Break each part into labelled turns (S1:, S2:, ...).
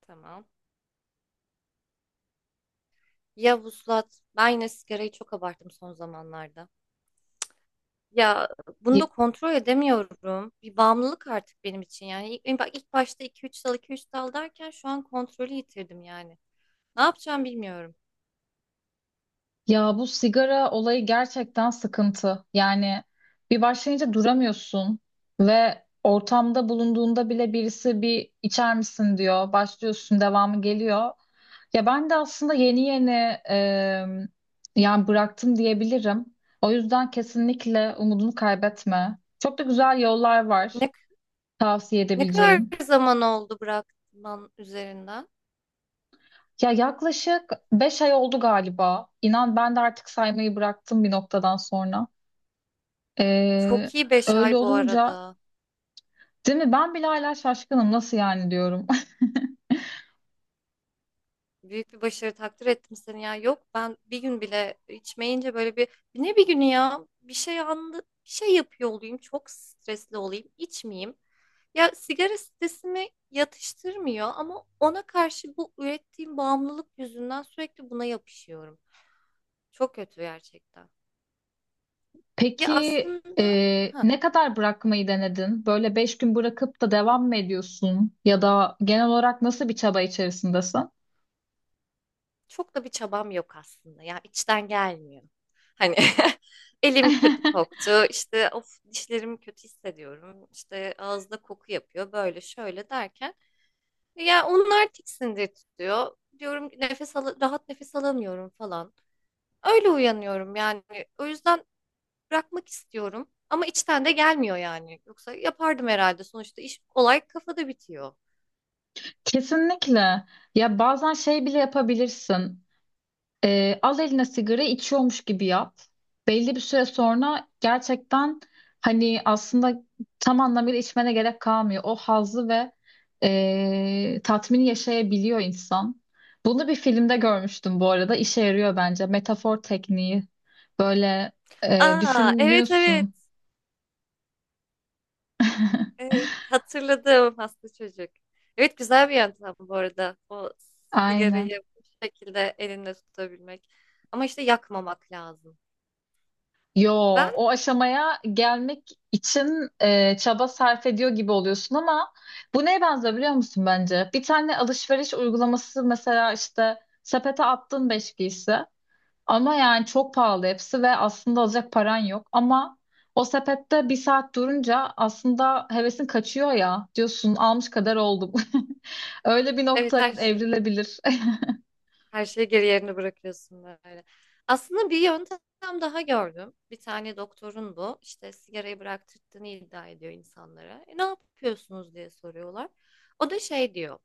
S1: Tamam. Ya vuslat. Ben yine sigarayı çok abarttım son zamanlarda. Ya bunu da
S2: Y-
S1: kontrol edemiyorum. Bir bağımlılık artık benim için. Yani bak ilk başta iki üç dal iki üç dal derken şu an kontrolü yitirdim yani. Ne yapacağım bilmiyorum.
S2: Ya bu sigara olayı gerçekten sıkıntı. Yani bir başlayınca duramıyorsun ve ortamda bulunduğunda bile birisi bir içer misin diyor. Başlıyorsun, devamı geliyor. Ya ben de aslında yeni yeni e, yani bıraktım diyebilirim. O yüzden kesinlikle umudunu kaybetme. Çok da güzel yollar var
S1: Ne,
S2: tavsiye
S1: ne kadar
S2: edebileceğim.
S1: zaman oldu bırakman üzerinden?
S2: Ya yaklaşık beş ay oldu galiba. İnan ben de artık saymayı bıraktım bir noktadan sonra. Ee,
S1: Çok iyi 5
S2: öyle
S1: ay bu
S2: olunca
S1: arada.
S2: değil mi? Ben bile hala şaşkınım nasıl yani diyorum.
S1: Büyük bir başarı, takdir ettim seni ya. Yok, ben bir gün bile içmeyince böyle bir ne bir günü ya bir şey anlı bir şey yapıyor olayım, çok stresli olayım, içmeyeyim. Ya sigara stresimi yatıştırmıyor ama ona karşı bu ürettiğim bağımlılık yüzünden sürekli buna yapışıyorum. Çok kötü gerçekten. Ya
S2: Peki
S1: aslında ha.
S2: ne kadar bırakmayı denedin? Böyle beş gün bırakıp da devam mı ediyorsun? Ya da genel olarak nasıl bir çaba içerisindesin?
S1: Çok da bir çabam yok aslında. Ya içten gelmiyor. Hani elim kötü koktu. İşte of, dişlerim kötü hissediyorum. İşte ağızda koku yapıyor. Böyle şöyle derken ya onlar tiksindir tutuyor. Diyorum ki nefes al, rahat nefes alamıyorum falan. Öyle uyanıyorum yani. O yüzden bırakmak istiyorum. Ama içten de gelmiyor yani. Yoksa yapardım herhalde. Sonuçta iş, olay kafada bitiyor.
S2: Kesinlikle. Ya bazen şey bile yapabilirsin. Al eline sigara içiyormuş gibi yap. Belli bir süre sonra gerçekten hani aslında tam anlamıyla içmene gerek kalmıyor. O hazzı ve tatmini yaşayabiliyor insan. Bunu bir filmde görmüştüm bu arada. İşe yarıyor bence. Metafor tekniği. Böyle
S1: Aa, evet, evet.
S2: düşünüyorsun.
S1: Evet, hatırladım, hasta çocuk. Evet, güzel bir yöntem bu arada. O
S2: Aynen.
S1: sigarayı bu şekilde elinde tutabilmek. Ama işte yakmamak lazım.
S2: Yo,
S1: Ben
S2: o aşamaya gelmek için çaba sarf ediyor gibi oluyorsun ama bu neye benziyor biliyor musun bence? Bir tane alışveriş uygulaması mesela işte sepete attın beş giysi ama yani çok pahalı hepsi ve aslında alacak paran yok ama o sepette bir saat durunca aslında hevesin kaçıyor ya diyorsun almış kadar oldum. Öyle bir
S1: evet,
S2: noktaya
S1: her şey,
S2: evrilebilir.
S1: her şeyi geri yerine bırakıyorsun böyle. Aslında bir yöntem daha gördüm. Bir tane doktorun bu. İşte sigarayı bıraktırdığını iddia ediyor insanlara. E, ne yapıyorsunuz diye soruyorlar. O da şey diyor.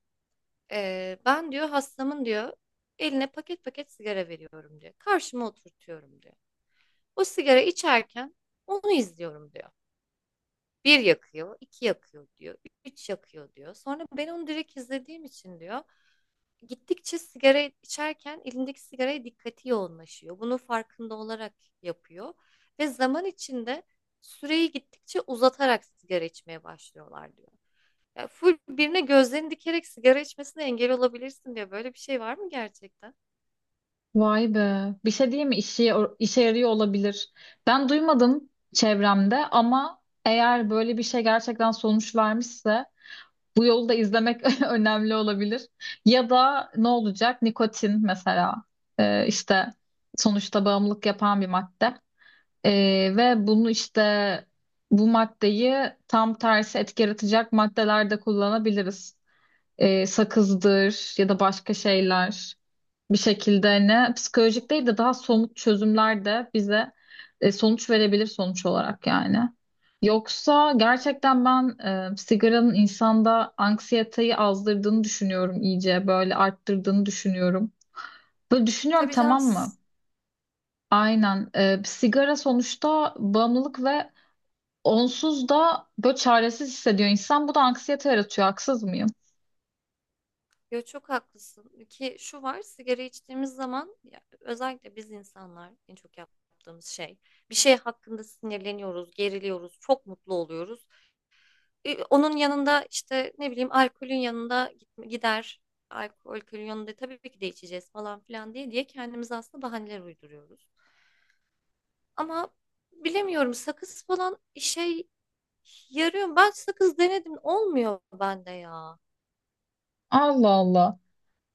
S1: "E, ben diyor hastamın diyor eline paket paket sigara veriyorum diyor. Karşıma oturtuyorum diyor. O sigara içerken onu izliyorum diyor. Bir yakıyor, iki yakıyor diyor, üç yakıyor diyor. Sonra ben onu direkt izlediğim için diyor, gittikçe sigara içerken elindeki sigaraya dikkati yoğunlaşıyor. Bunu farkında olarak yapıyor ve zaman içinde süreyi gittikçe uzatarak sigara içmeye başlıyorlar diyor. Ya full birine gözlerini dikerek sigara içmesine engel olabilirsin diyor." Böyle bir şey var mı gerçekten?
S2: Vay be. Bir şey diyeyim mi? İşe yarıyor olabilir. Ben duymadım çevremde ama eğer böyle bir şey gerçekten sonuç vermişse bu yolu da izlemek önemli olabilir. Ya da ne olacak? Nikotin mesela. İşte sonuçta bağımlılık yapan bir madde. Ve bunu işte bu maddeyi tam tersi etki yaratacak maddelerde kullanabiliriz. Sakızdır ya da başka şeyler bir şekilde hani psikolojik değil de daha somut çözümler de bize sonuç verebilir sonuç olarak yani. Yoksa gerçekten ben sigaranın insanda anksiyeteyi azdırdığını düşünüyorum iyice böyle arttırdığını düşünüyorum. Böyle düşünüyorum
S1: Tabii canım.
S2: tamam mı? Aynen. Sigara sonuçta bağımlılık ve onsuz da böyle çaresiz hissediyor insan. Bu da anksiyete yaratıyor haksız mıyım?
S1: Yo, çok haklısın ki şu var, sigara içtiğimiz zaman ya, özellikle biz insanlar en çok yaptığımız şey, bir şey hakkında sinirleniyoruz, geriliyoruz, çok mutlu oluyoruz. E, onun yanında işte ne bileyim, alkolün yanında gider, alkolün yanında tabii ki de içeceğiz falan filan diye diye kendimize aslında bahaneler uyduruyoruz. Ama bilemiyorum, sakız falan işe yarıyor. Ben sakız denedim, olmuyor bende ya.
S2: Allah Allah.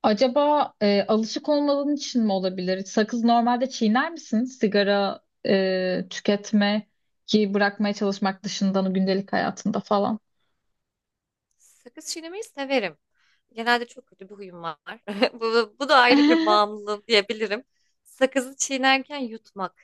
S2: Acaba alışık olmadığın için mi olabilir? Sakız normalde çiğner misin? Sigara tüketmeyi bırakmaya çalışmak dışında gündelik hayatında falan.
S1: Sakız çiğnemeyi severim. Genelde çok kötü bir huyum var. Bu da ayrı bir bağımlılık diyebilirim. Sakızı çiğnerken yutmak.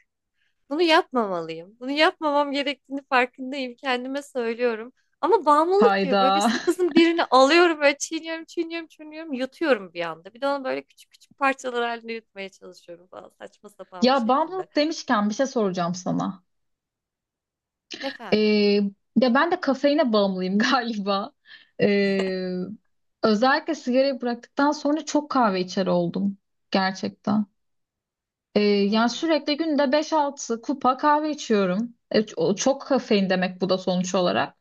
S1: Bunu yapmamalıyım. Bunu yapmamam gerektiğini farkındayım. Kendime söylüyorum. Ama bağımlılık gibi böyle bir,
S2: Hayda.
S1: sakızın birini alıyorum, böyle çiğniyorum, çiğniyorum, çiğniyorum, yutuyorum bir anda. Bir de onu böyle küçük küçük parçalar halinde yutmaya çalışıyorum falan, saçma sapan bir
S2: Ya
S1: şekilde.
S2: bağımlılık demişken bir şey soracağım sana.
S1: Efendim.
S2: E, ya ben de kafeine bağımlıyım galiba. E, özellikle sigarayı bıraktıktan sonra çok kahve içer oldum. Gerçekten. Yani
S1: Hmm,
S2: sürekli günde beş altı kupa kahve içiyorum. O çok kafein demek bu da sonuç olarak.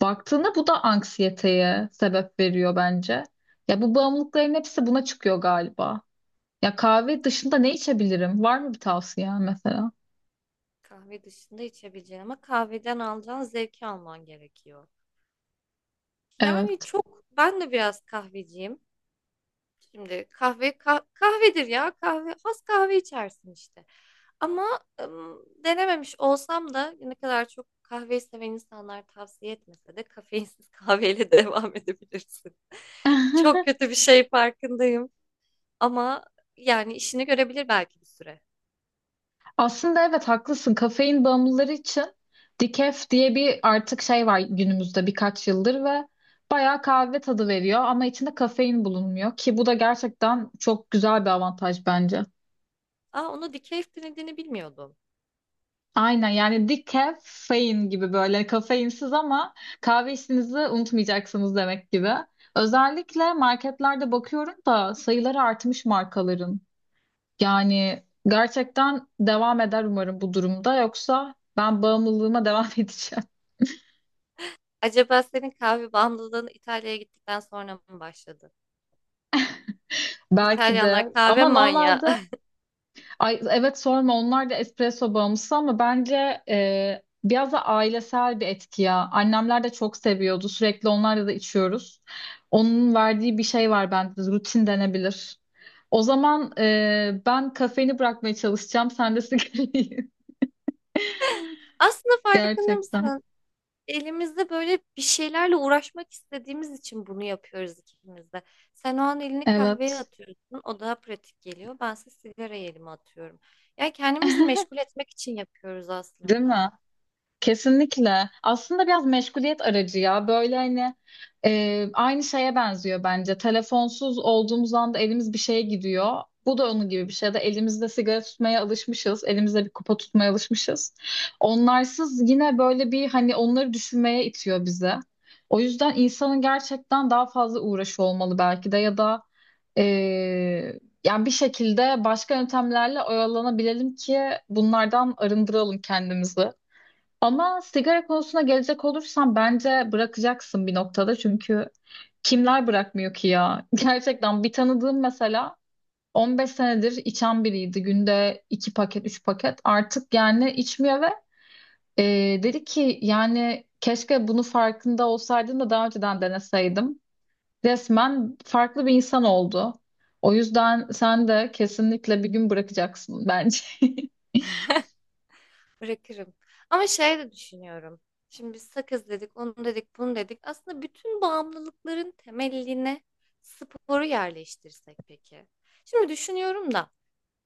S2: Baktığında bu da anksiyeteye sebep veriyor bence. Ya bu bağımlılıkların hepsi buna çıkıyor galiba. Ya kahve dışında ne içebilirim? Var mı bir tavsiyen mesela?
S1: kahve dışında içebileceğin ama kahveden alacağın zevki alman gerekiyor. Yani
S2: Evet.
S1: çok, ben de biraz kahveciyim. Şimdi kahve kahvedir ya, kahve az kahve içersin işte. Ama denememiş olsam da, ne kadar çok kahve seven insanlar tavsiye etmese de, kafeinsiz kahveyle devam edebilirsin. Çok kötü bir şey farkındayım ama yani işini görebilir belki bir süre.
S2: Aslında evet haklısın. Kafein bağımlıları için decaf diye bir artık şey var günümüzde birkaç yıldır ve bayağı kahve tadı veriyor ama içinde kafein bulunmuyor ki bu da gerçekten çok güzel bir avantaj bence.
S1: Aa, onu decaf denediğini bilmiyordum.
S2: Aynen yani decaf gibi böyle kafeinsiz ama kahve işinizi unutmayacaksınız demek gibi. Özellikle marketlerde bakıyorum da sayıları artmış markaların. Yani gerçekten devam eder umarım bu durumda yoksa ben bağımlılığıma devam edeceğim.
S1: Acaba senin kahve bağımlılığın İtalya'ya gittikten sonra mı başladı?
S2: Belki de
S1: İtalyanlar kahve
S2: ama
S1: manyağı.
S2: normalde ay, evet sorma onlar da espresso bağımlısı ama bence biraz da ailesel bir etki ya. Annemler de çok seviyordu. Sürekli onlarla da içiyoruz. Onun verdiği bir şey var bende. Rutin denebilir. O zaman ben kafeini bırakmaya çalışacağım. Sen de sigarayı.
S1: Aslında farkında
S2: Gerçekten.
S1: mısın? Elimizde böyle bir şeylerle uğraşmak istediğimiz için bunu yapıyoruz ikimiz de. Sen o an elini kahveye
S2: Evet.
S1: atıyorsun, o daha pratik geliyor. Bense sigarayı elime atıyorum. Yani kendimizi meşgul etmek için yapıyoruz
S2: Değil
S1: aslında.
S2: mi? Kesinlikle. Aslında biraz meşguliyet aracı ya. Böyle hani aynı şeye benziyor bence. Telefonsuz olduğumuz anda elimiz bir şeye gidiyor. Bu da onun gibi bir şey ya da elimizde sigara tutmaya alışmışız. Elimizde bir kupa tutmaya alışmışız. Onlarsız yine böyle bir hani onları düşünmeye itiyor bize. O yüzden insanın gerçekten daha fazla uğraşı olmalı belki de ya da e, yani bir şekilde başka yöntemlerle oyalanabilelim ki bunlardan arındıralım kendimizi. Ama sigara konusuna gelecek olursam bence bırakacaksın bir noktada çünkü kimler bırakmıyor ki ya? Gerçekten bir tanıdığım mesela 15 senedir içen biriydi. Günde 2 paket, 3 paket. Artık yani içmiyor ve e, dedi ki yani keşke bunu farkında olsaydım da daha önceden deneseydim. Resmen farklı bir insan oldu. O yüzden sen de kesinlikle bir gün bırakacaksın bence.
S1: Bırakırım. Ama şey de düşünüyorum. Şimdi biz sakız dedik, onu dedik, bunu dedik. Aslında bütün bağımlılıkların temeline sporu yerleştirsek peki. Şimdi düşünüyorum da.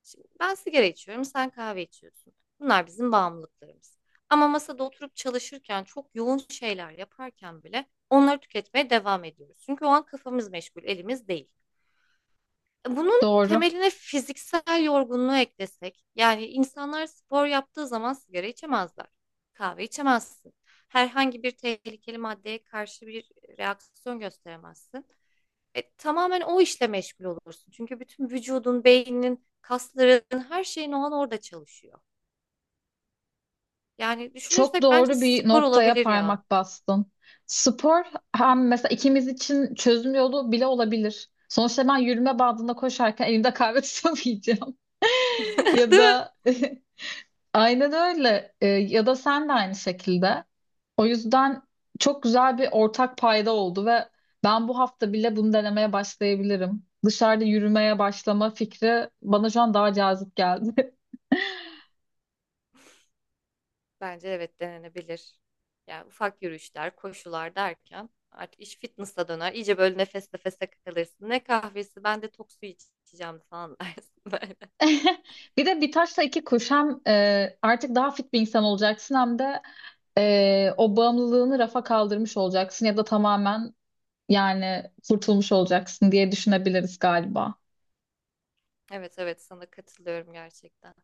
S1: Şimdi ben sigara içiyorum, sen kahve içiyorsun. Bunlar bizim bağımlılıklarımız. Ama masada oturup çalışırken, çok yoğun şeyler yaparken bile onları tüketmeye devam ediyoruz. Çünkü o an kafamız meşgul, elimiz değil. E, bunun
S2: Doğru.
S1: temeline fiziksel yorgunluğu eklesek, yani insanlar spor yaptığı zaman sigara içemezler. Kahve içemezsin. Herhangi bir tehlikeli maddeye karşı bir reaksiyon gösteremezsin. E, tamamen o işle meşgul olursun. Çünkü bütün vücudun, beyninin, kasların, her şeyin o an orada çalışıyor. Yani
S2: Çok
S1: düşünürsek bence
S2: doğru bir
S1: spor
S2: noktaya
S1: olabilir ya.
S2: parmak bastın. Spor hem mesela ikimiz için çözüm yolu bile olabilir. Sonuçta ben yürüme bandında koşarken elimde kahve tutamayacağım. Ya
S1: Değil mi?
S2: da aynen öyle. Ya da sen de aynı şekilde. O yüzden çok güzel bir ortak payda oldu ve ben bu hafta bile bunu denemeye başlayabilirim. Dışarıda yürümeye başlama fikri bana şu an daha cazip geldi.
S1: Bence evet, denenebilir. Yani ufak yürüyüşler, koşular derken artık iş fitness'a döner. İyice böyle nefes nefese kalırsın. Ne kahvesi, ben de tok su içeceğim falan dersin böyle.
S2: Bir de bir taşla iki kuş hem artık daha fit bir insan olacaksın hem de o bağımlılığını rafa kaldırmış olacaksın ya da tamamen yani kurtulmuş olacaksın diye düşünebiliriz galiba.
S1: Evet, evet, sana katılıyorum gerçekten.